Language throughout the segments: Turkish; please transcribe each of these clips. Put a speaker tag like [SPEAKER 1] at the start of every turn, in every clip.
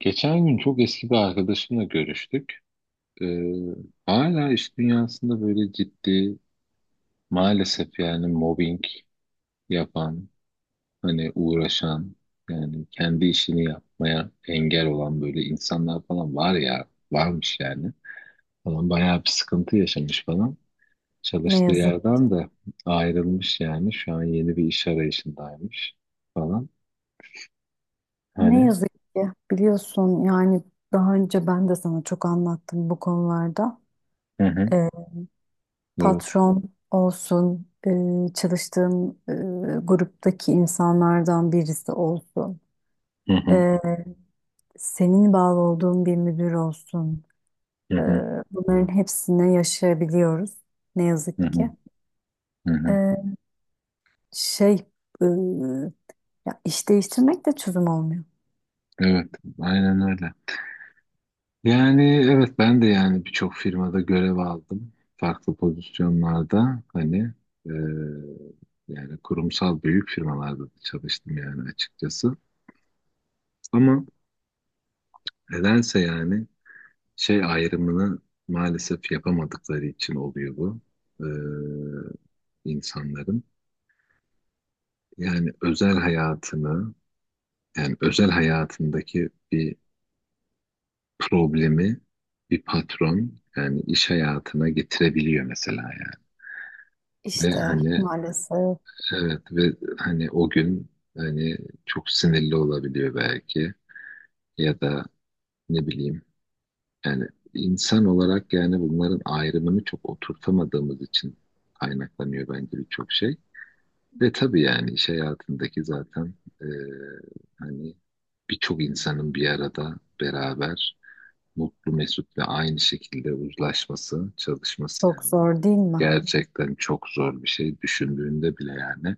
[SPEAKER 1] Geçen gün çok eski bir arkadaşımla görüştük. Ee, hala iş dünyasında böyle ciddi maalesef yani mobbing yapan, hani uğraşan, yani kendi işini yapmaya engel olan böyle insanlar falan var ya, varmış yani. Falan bayağı bir sıkıntı yaşamış falan.
[SPEAKER 2] Ne
[SPEAKER 1] Çalıştığı
[SPEAKER 2] yazık,
[SPEAKER 1] yerden de ayrılmış yani. Şu an yeni bir iş arayışındaymış falan.
[SPEAKER 2] Ne
[SPEAKER 1] Hani
[SPEAKER 2] yazık ki biliyorsun yani daha önce ben de sana çok anlattım bu konularda.
[SPEAKER 1] hı hı,
[SPEAKER 2] Ee,
[SPEAKER 1] evet.
[SPEAKER 2] patron olsun, çalıştığın gruptaki insanlardan birisi olsun,
[SPEAKER 1] Hı hı,
[SPEAKER 2] e, senin bağlı olduğun bir müdür olsun.
[SPEAKER 1] hı
[SPEAKER 2] e,
[SPEAKER 1] hı,
[SPEAKER 2] bunların hepsine yaşayabiliyoruz ne
[SPEAKER 1] hı
[SPEAKER 2] yazık
[SPEAKER 1] hı,
[SPEAKER 2] ki.
[SPEAKER 1] hı hı.
[SPEAKER 2] E, şey, e, ya iş değiştirmek de çözüm olmuyor.
[SPEAKER 1] Evet, aynen öyle. Yani evet ben de yani birçok firmada görev aldım. Farklı pozisyonlarda hani e, yani kurumsal büyük firmalarda da çalıştım yani açıkçası. Ama nedense yani şey ayrımını maalesef yapamadıkları için oluyor bu e, insanların. Yani özel hayatını yani özel hayatındaki bir problemi bir patron yani iş hayatına getirebiliyor mesela yani. Ve
[SPEAKER 2] İşte
[SPEAKER 1] hani
[SPEAKER 2] maalesef
[SPEAKER 1] Evet, ve hani o gün hani çok sinirli olabiliyor belki ya da ne bileyim yani insan olarak yani bunların ayrımını çok oturtamadığımız için kaynaklanıyor bence birçok şey. Ve tabii yani iş hayatındaki zaten e, hani birçok insanın bir arada beraber mutlu mesut ve aynı şekilde uzlaşması, çalışması
[SPEAKER 2] çok
[SPEAKER 1] yani
[SPEAKER 2] zor değil mi?
[SPEAKER 1] gerçekten çok zor bir şey düşündüğünde bile yani.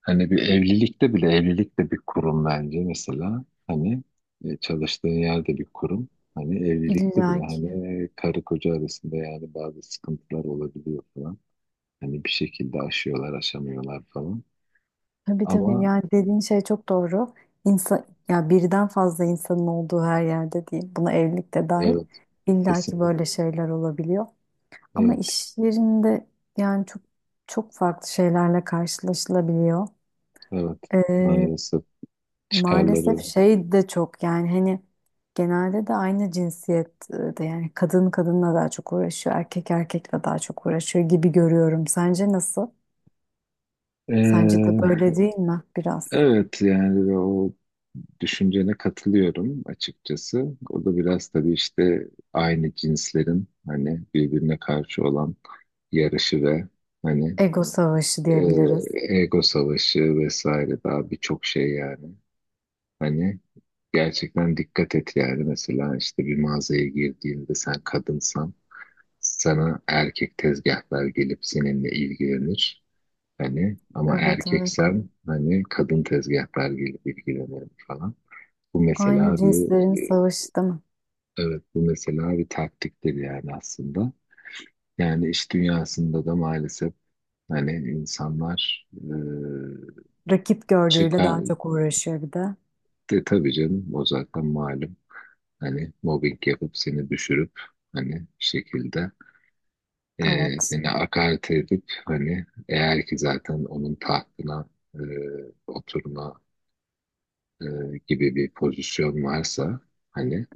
[SPEAKER 1] Hani bir evlilikte bile evlilik de bir kurum bence mesela. Hani çalıştığın yerde bir kurum. Hani evlilikte bile
[SPEAKER 2] İlla ki.
[SPEAKER 1] hani karı koca arasında yani bazı sıkıntılar olabiliyor falan. Hani bir şekilde aşıyorlar, aşamıyorlar falan.
[SPEAKER 2] Tabii tabii,
[SPEAKER 1] Ama
[SPEAKER 2] yani dediğin şey çok doğru. İnsan, ya birden fazla insanın olduğu her yerde değil. Buna evlilik de dahil.
[SPEAKER 1] evet,
[SPEAKER 2] İllaki ki
[SPEAKER 1] kesinlikle.
[SPEAKER 2] böyle şeyler olabiliyor. Ama
[SPEAKER 1] Evet,
[SPEAKER 2] iş yerinde yani çok çok farklı şeylerle karşılaşılabiliyor.
[SPEAKER 1] evet.
[SPEAKER 2] Ee,
[SPEAKER 1] Maalesef
[SPEAKER 2] maalesef
[SPEAKER 1] çıkarları.
[SPEAKER 2] şey de çok yani hani genelde de aynı cinsiyette, yani kadın kadınla daha çok uğraşıyor, erkek erkekle daha çok uğraşıyor gibi görüyorum. Sence nasıl? Sence de böyle değil mi biraz?
[SPEAKER 1] Evet yani o düşüncene katılıyorum açıkçası. O da biraz tabii işte aynı cinslerin hani birbirine karşı olan yarışı ve hani
[SPEAKER 2] Ego savaşı diyebiliriz.
[SPEAKER 1] ego savaşı vesaire daha birçok şey yani. Hani gerçekten dikkat et yani mesela işte bir mağazaya girdiğinde sen kadınsan sana erkek tezgahlar gelip seninle ilgilenir. Hani ama
[SPEAKER 2] Evet, evet.
[SPEAKER 1] erkeksen hani kadın tezgahlar gelip ilgilenir falan. Bu
[SPEAKER 2] Aynı
[SPEAKER 1] mesela bir
[SPEAKER 2] cinslerin savaşı değil mi?
[SPEAKER 1] evet bu mesela bir taktiktir yani aslında. Yani iş dünyasında da maalesef hani insanlar
[SPEAKER 2] Rakip gördüğüyle
[SPEAKER 1] çıkar
[SPEAKER 2] daha çok uğraşıyor bir de.
[SPEAKER 1] de tabii canım o zaten malum. Hani mobbing yapıp seni düşürüp hani bir şekilde
[SPEAKER 2] Evet.
[SPEAKER 1] seni hakaret edip hani eğer ki zaten onun tahtına e, oturma e, gibi bir pozisyon varsa hani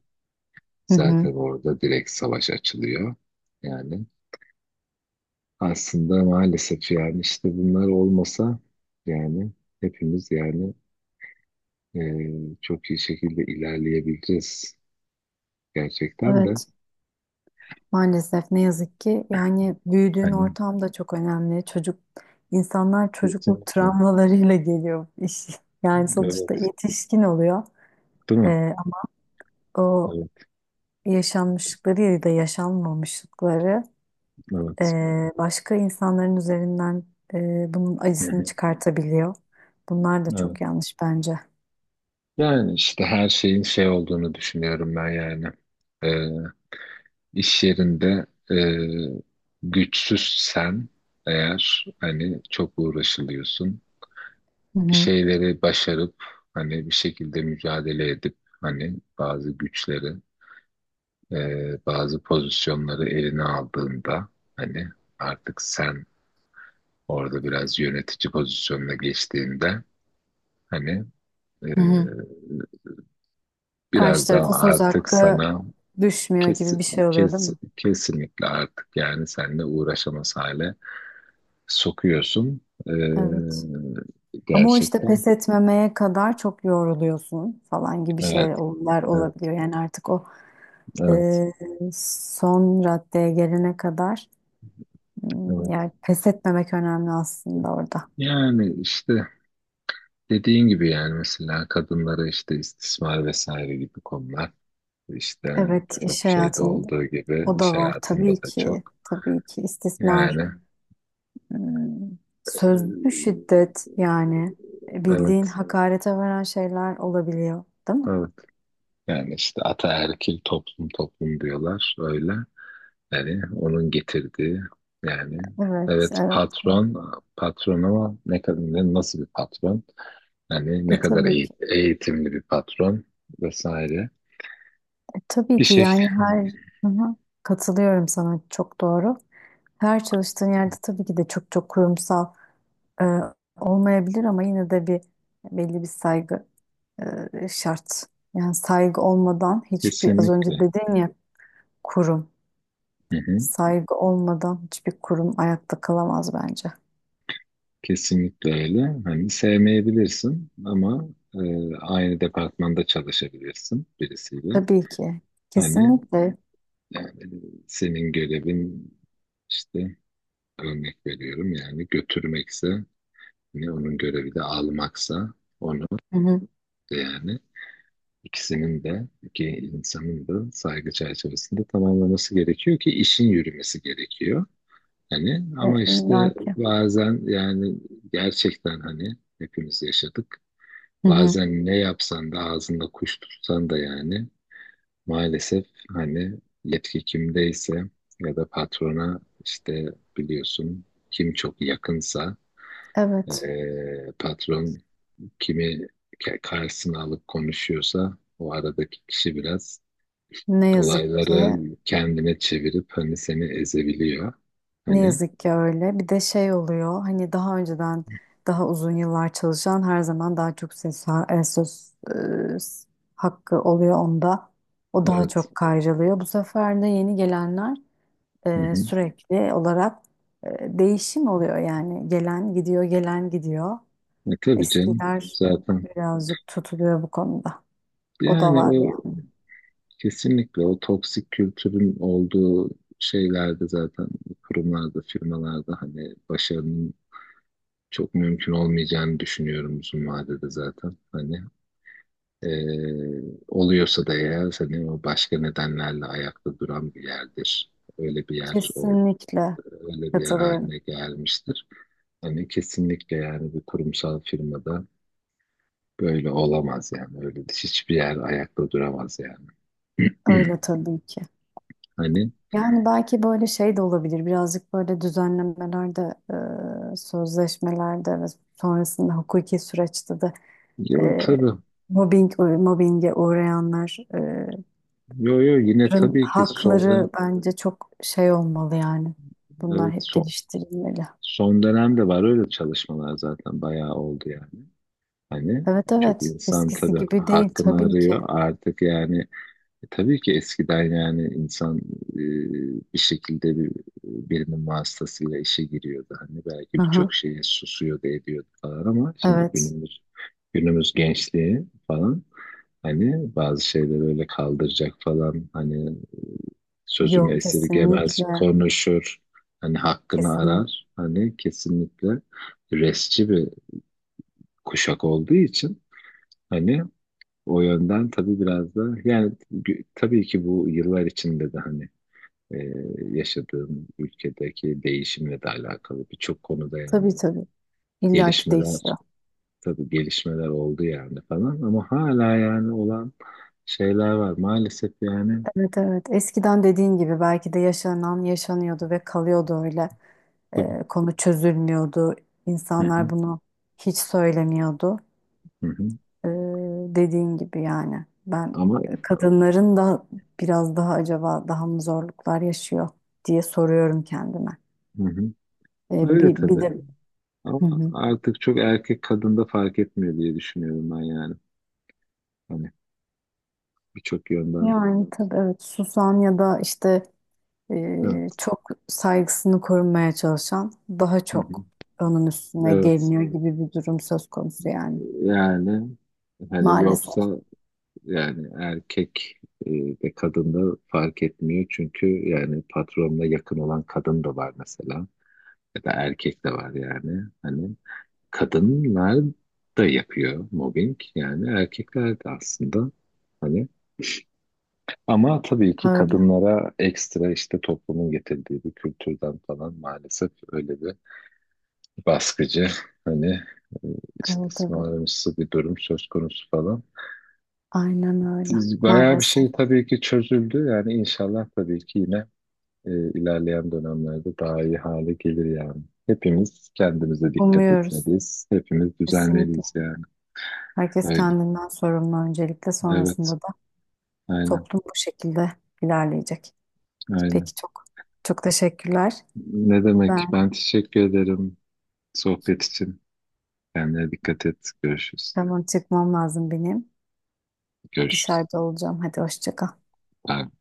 [SPEAKER 2] Hı hı.
[SPEAKER 1] zaten orada direkt savaş açılıyor. Yani aslında maalesef yani işte bunlar olmasa yani hepimiz yani çok iyi şekilde ilerleyebileceğiz gerçekten de
[SPEAKER 2] Evet. Maalesef, ne yazık ki yani büyüdüğün
[SPEAKER 1] hani
[SPEAKER 2] ortam da çok önemli. Çocuk insanlar çocukluk
[SPEAKER 1] kesinlikle.
[SPEAKER 2] travmalarıyla geliyor iş. Yani sonuçta
[SPEAKER 1] Evet,
[SPEAKER 2] yetişkin oluyor.
[SPEAKER 1] değil mi?
[SPEAKER 2] Ee, ama o
[SPEAKER 1] Evet,
[SPEAKER 2] yaşanmışlıkları ya da yaşanmamışlıkları
[SPEAKER 1] evet.
[SPEAKER 2] başka insanların üzerinden bunun
[SPEAKER 1] Hı
[SPEAKER 2] acısını
[SPEAKER 1] hı,
[SPEAKER 2] çıkartabiliyor. Bunlar da
[SPEAKER 1] evet.
[SPEAKER 2] çok yanlış bence.
[SPEAKER 1] Yani işte her şeyin şey olduğunu düşünüyorum ben yani. Eee iş yerinde güçsüzsen eğer hani çok uğraşılıyorsun.
[SPEAKER 2] Hı
[SPEAKER 1] Bir
[SPEAKER 2] hı.
[SPEAKER 1] şeyleri başarıp hani bir şekilde mücadele edip hani bazı güçleri bazı pozisyonları eline aldığında hani artık sen orada biraz yönetici pozisyonuna geçtiğinde hani e,
[SPEAKER 2] Hı hı. Karşı
[SPEAKER 1] biraz daha
[SPEAKER 2] tarafa söz
[SPEAKER 1] artık
[SPEAKER 2] hakkı
[SPEAKER 1] sana
[SPEAKER 2] düşmüyor
[SPEAKER 1] kes,
[SPEAKER 2] gibi bir şey oluyor değil
[SPEAKER 1] kes,
[SPEAKER 2] mi?
[SPEAKER 1] kesinlikle artık yani seninle uğraşamaz hale sokuyorsun. E,
[SPEAKER 2] Evet. Ama o işte
[SPEAKER 1] Gerçekten.
[SPEAKER 2] pes etmemeye kadar çok yoruluyorsun falan gibi
[SPEAKER 1] Evet,
[SPEAKER 2] şeyler
[SPEAKER 1] evet,
[SPEAKER 2] olabiliyor. Yani artık o e,
[SPEAKER 1] evet,
[SPEAKER 2] son raddeye gelene kadar
[SPEAKER 1] evet.
[SPEAKER 2] yani pes etmemek önemli aslında orada.
[SPEAKER 1] Yani işte. Dediğin gibi yani mesela kadınlara işte istismar vesaire gibi konular işte
[SPEAKER 2] Evet,
[SPEAKER 1] birçok
[SPEAKER 2] iş
[SPEAKER 1] şeyde
[SPEAKER 2] hayatında
[SPEAKER 1] olduğu gibi
[SPEAKER 2] o
[SPEAKER 1] iş
[SPEAKER 2] da var
[SPEAKER 1] hayatında
[SPEAKER 2] tabii
[SPEAKER 1] da
[SPEAKER 2] ki.
[SPEAKER 1] çok
[SPEAKER 2] Tabii ki istismar,
[SPEAKER 1] yani
[SPEAKER 2] m,
[SPEAKER 1] e,
[SPEAKER 2] sözlü şiddet, yani bildiğin
[SPEAKER 1] evet
[SPEAKER 2] hakarete varan şeyler olabiliyor, değil mi?
[SPEAKER 1] evet yani işte ataerkil toplum toplum diyorlar öyle yani onun getirdiği yani
[SPEAKER 2] Evet,
[SPEAKER 1] evet
[SPEAKER 2] evet. Evet.
[SPEAKER 1] patron patron ama ne kadar nasıl bir patron yani
[SPEAKER 2] E
[SPEAKER 1] ne kadar
[SPEAKER 2] tabii ki.
[SPEAKER 1] eğitimli bir patron vesaire
[SPEAKER 2] Tabii
[SPEAKER 1] bir
[SPEAKER 2] ki
[SPEAKER 1] şekilde
[SPEAKER 2] yani Hı-hı. Katılıyorum sana, çok doğru. Her çalıştığın yerde tabii ki de çok çok kurumsal e, olmayabilir, ama yine de bir belli bir saygı şart. Yani saygı olmadan hiçbir az önce
[SPEAKER 1] kesinlikle.
[SPEAKER 2] dedin ya kurum.
[SPEAKER 1] Hı hı.
[SPEAKER 2] Saygı olmadan hiçbir kurum ayakta kalamaz bence.
[SPEAKER 1] Kesinlikle öyle. Hani sevmeyebilirsin ama aynı departmanda çalışabilirsin birisiyle.
[SPEAKER 2] Tabii ki.
[SPEAKER 1] Hani
[SPEAKER 2] Kesinlikle.
[SPEAKER 1] yani senin görevin işte örnek veriyorum yani götürmekse hani onun görevi de almaksa onu
[SPEAKER 2] Hı-hı.
[SPEAKER 1] da yani ikisinin de iki insanın da saygı çerçevesinde tamamlaması gerekiyor ki işin yürümesi gerekiyor. Hani ama işte
[SPEAKER 2] İllaki.
[SPEAKER 1] bazen yani gerçekten hani hepimiz yaşadık.
[SPEAKER 2] Hı-hı.
[SPEAKER 1] Bazen ne yapsan da ağzında kuş tutsan da yani maalesef hani yetki kimdeyse ya da patrona işte biliyorsun kim çok yakınsa
[SPEAKER 2] Evet.
[SPEAKER 1] patron kimi karşısına alıp konuşuyorsa o aradaki kişi biraz
[SPEAKER 2] Ne yazık ki.
[SPEAKER 1] olayları kendine çevirip hani seni ezebiliyor.
[SPEAKER 2] Ne
[SPEAKER 1] Hani
[SPEAKER 2] yazık ki öyle. Bir de şey oluyor. Hani daha önceden daha uzun yıllar çalışan her zaman daha çok söz e, s- hakkı oluyor onda. O daha
[SPEAKER 1] evet.
[SPEAKER 2] çok kayrılıyor. Bu sefer de yeni gelenler
[SPEAKER 1] Hı hı.
[SPEAKER 2] sürekli olarak değişim oluyor. Yani gelen gidiyor, gelen gidiyor.
[SPEAKER 1] Tabii canım
[SPEAKER 2] Eskiler
[SPEAKER 1] zaten
[SPEAKER 2] birazcık tutuluyor bu konuda. O da
[SPEAKER 1] yani o,
[SPEAKER 2] var yani.
[SPEAKER 1] kesinlikle o toksik kültürün olduğu şeylerde zaten kurumlarda, firmalarda hani başarının çok mümkün olmayacağını düşünüyorum uzun vadede zaten. Hani eee, oluyorsa da eğer hani o başka nedenlerle ayakta duran bir yerdir. Öyle bir yer, o
[SPEAKER 2] Kesinlikle
[SPEAKER 1] öyle bir yer
[SPEAKER 2] katılıyorum.
[SPEAKER 1] haline gelmiştir. Hani kesinlikle yani bir kurumsal firmada böyle olamaz yani. Öyle hiçbir yer ayakta duramaz yani.
[SPEAKER 2] Öyle tabii ki.
[SPEAKER 1] Hani
[SPEAKER 2] Yani belki böyle şey de olabilir. Birazcık böyle düzenlemelerde, sözleşmelerde ve sonrasında hukuki süreçte de
[SPEAKER 1] yok
[SPEAKER 2] e,
[SPEAKER 1] tabii.
[SPEAKER 2] mobbinge uğrayanların
[SPEAKER 1] Yo yo yine tabii ki sonda
[SPEAKER 2] hakları bence çok şey olmalı yani. Bunlar
[SPEAKER 1] evet,
[SPEAKER 2] hep geliştirilmeli.
[SPEAKER 1] son dönemde var öyle çalışmalar zaten bayağı oldu yani. Hani
[SPEAKER 2] Evet,
[SPEAKER 1] çok
[SPEAKER 2] evet.
[SPEAKER 1] insan
[SPEAKER 2] Eskisi
[SPEAKER 1] tabii
[SPEAKER 2] gibi değil
[SPEAKER 1] hakkını
[SPEAKER 2] tabii ki.
[SPEAKER 1] arıyor artık yani. Tabii ki eskiden yani insan e, bir şekilde bir, birinin vasıtasıyla işe giriyordu. Hani belki
[SPEAKER 2] Aha,
[SPEAKER 1] birçok şeye susuyordu ediyordu falan ama şimdi
[SPEAKER 2] evet.
[SPEAKER 1] günümüz günümüz gençliği falan. Hani bazı şeyleri öyle kaldıracak falan hani sözümü
[SPEAKER 2] Yok,
[SPEAKER 1] esirgemez,
[SPEAKER 2] kesinlikle.
[SPEAKER 1] konuşur, hani hakkını
[SPEAKER 2] Kesinlikle.
[SPEAKER 1] arar. Hani kesinlikle resci bir kuşak olduğu için hani o yönden tabii biraz da yani tabii ki bu yıllar içinde de hani e, yaşadığım ülkedeki değişimle de alakalı birçok konuda yani
[SPEAKER 2] Tabii, tabii. İlla ki
[SPEAKER 1] gelişmeler
[SPEAKER 2] değişiyor.
[SPEAKER 1] tabii gelişmeler oldu yani falan ama hala yani olan şeyler var maalesef yani.
[SPEAKER 2] Evet, evet. Eskiden dediğin gibi belki de yaşanan yaşanıyordu ve kalıyordu öyle.
[SPEAKER 1] Tabii.
[SPEAKER 2] Konu çözülmüyordu.
[SPEAKER 1] Hı hı,
[SPEAKER 2] İnsanlar bunu hiç söylemiyordu.
[SPEAKER 1] hı hı.
[SPEAKER 2] Ee, dediğin gibi yani. Ben
[SPEAKER 1] Ama
[SPEAKER 2] kadınların da biraz daha acaba daha mı zorluklar yaşıyor diye soruyorum kendime.
[SPEAKER 1] hı hı. Öyle
[SPEAKER 2] Bir
[SPEAKER 1] tabii.
[SPEAKER 2] de. Hı
[SPEAKER 1] Ama
[SPEAKER 2] hı.
[SPEAKER 1] artık çok erkek kadında fark etmiyor diye düşünüyorum ben yani. Hani birçok yönden.
[SPEAKER 2] Yani tabii, evet, susan ya da işte
[SPEAKER 1] Evet.
[SPEAKER 2] çok saygısını korumaya çalışan daha
[SPEAKER 1] Hı hı.
[SPEAKER 2] çok onun üstüne
[SPEAKER 1] Evet.
[SPEAKER 2] geliniyor gibi bir durum söz konusu yani.
[SPEAKER 1] Yani hani
[SPEAKER 2] Maalesef
[SPEAKER 1] yoksa yani erkek e, de kadında fark etmiyor. Çünkü yani patronla yakın olan kadın da var mesela. Ya da erkek de var yani. Hani kadınlar da yapıyor mobbing. Yani erkekler de aslında. Hani ama tabii ki
[SPEAKER 2] öyle.
[SPEAKER 1] kadınlara ekstra işte toplumun getirdiği bir kültürden falan maalesef öyle bir baskıcı hani e,
[SPEAKER 2] Evet, evet.
[SPEAKER 1] istismarımsı bir durum söz konusu falan.
[SPEAKER 2] Aynen öyle.
[SPEAKER 1] Bayağı bir
[SPEAKER 2] Maalesef.
[SPEAKER 1] şey tabii ki çözüldü yani inşallah tabii ki yine e, ilerleyen dönemlerde daha iyi hale gelir yani. Hepimiz kendimize dikkat
[SPEAKER 2] Umuyoruz.
[SPEAKER 1] etmeliyiz. Hepimiz
[SPEAKER 2] Kesinlikle.
[SPEAKER 1] düzenleliyiz yani.
[SPEAKER 2] Herkes
[SPEAKER 1] Öyle.
[SPEAKER 2] kendinden sorumlu öncelikle, sonrasında
[SPEAKER 1] Evet.
[SPEAKER 2] da
[SPEAKER 1] Aynen.
[SPEAKER 2] toplum bu şekilde ilerleyecek.
[SPEAKER 1] Aynen.
[SPEAKER 2] Peki, çok çok teşekkürler.
[SPEAKER 1] Ne
[SPEAKER 2] Ben
[SPEAKER 1] demek? Ben teşekkür ederim sohbet için. Kendine dikkat et. Görüşürüz.
[SPEAKER 2] tamam, çıkmam lazım benim.
[SPEAKER 1] Görüşürüz.
[SPEAKER 2] Dışarıda olacağım. Hadi, hoşça kal.
[SPEAKER 1] Bay bay.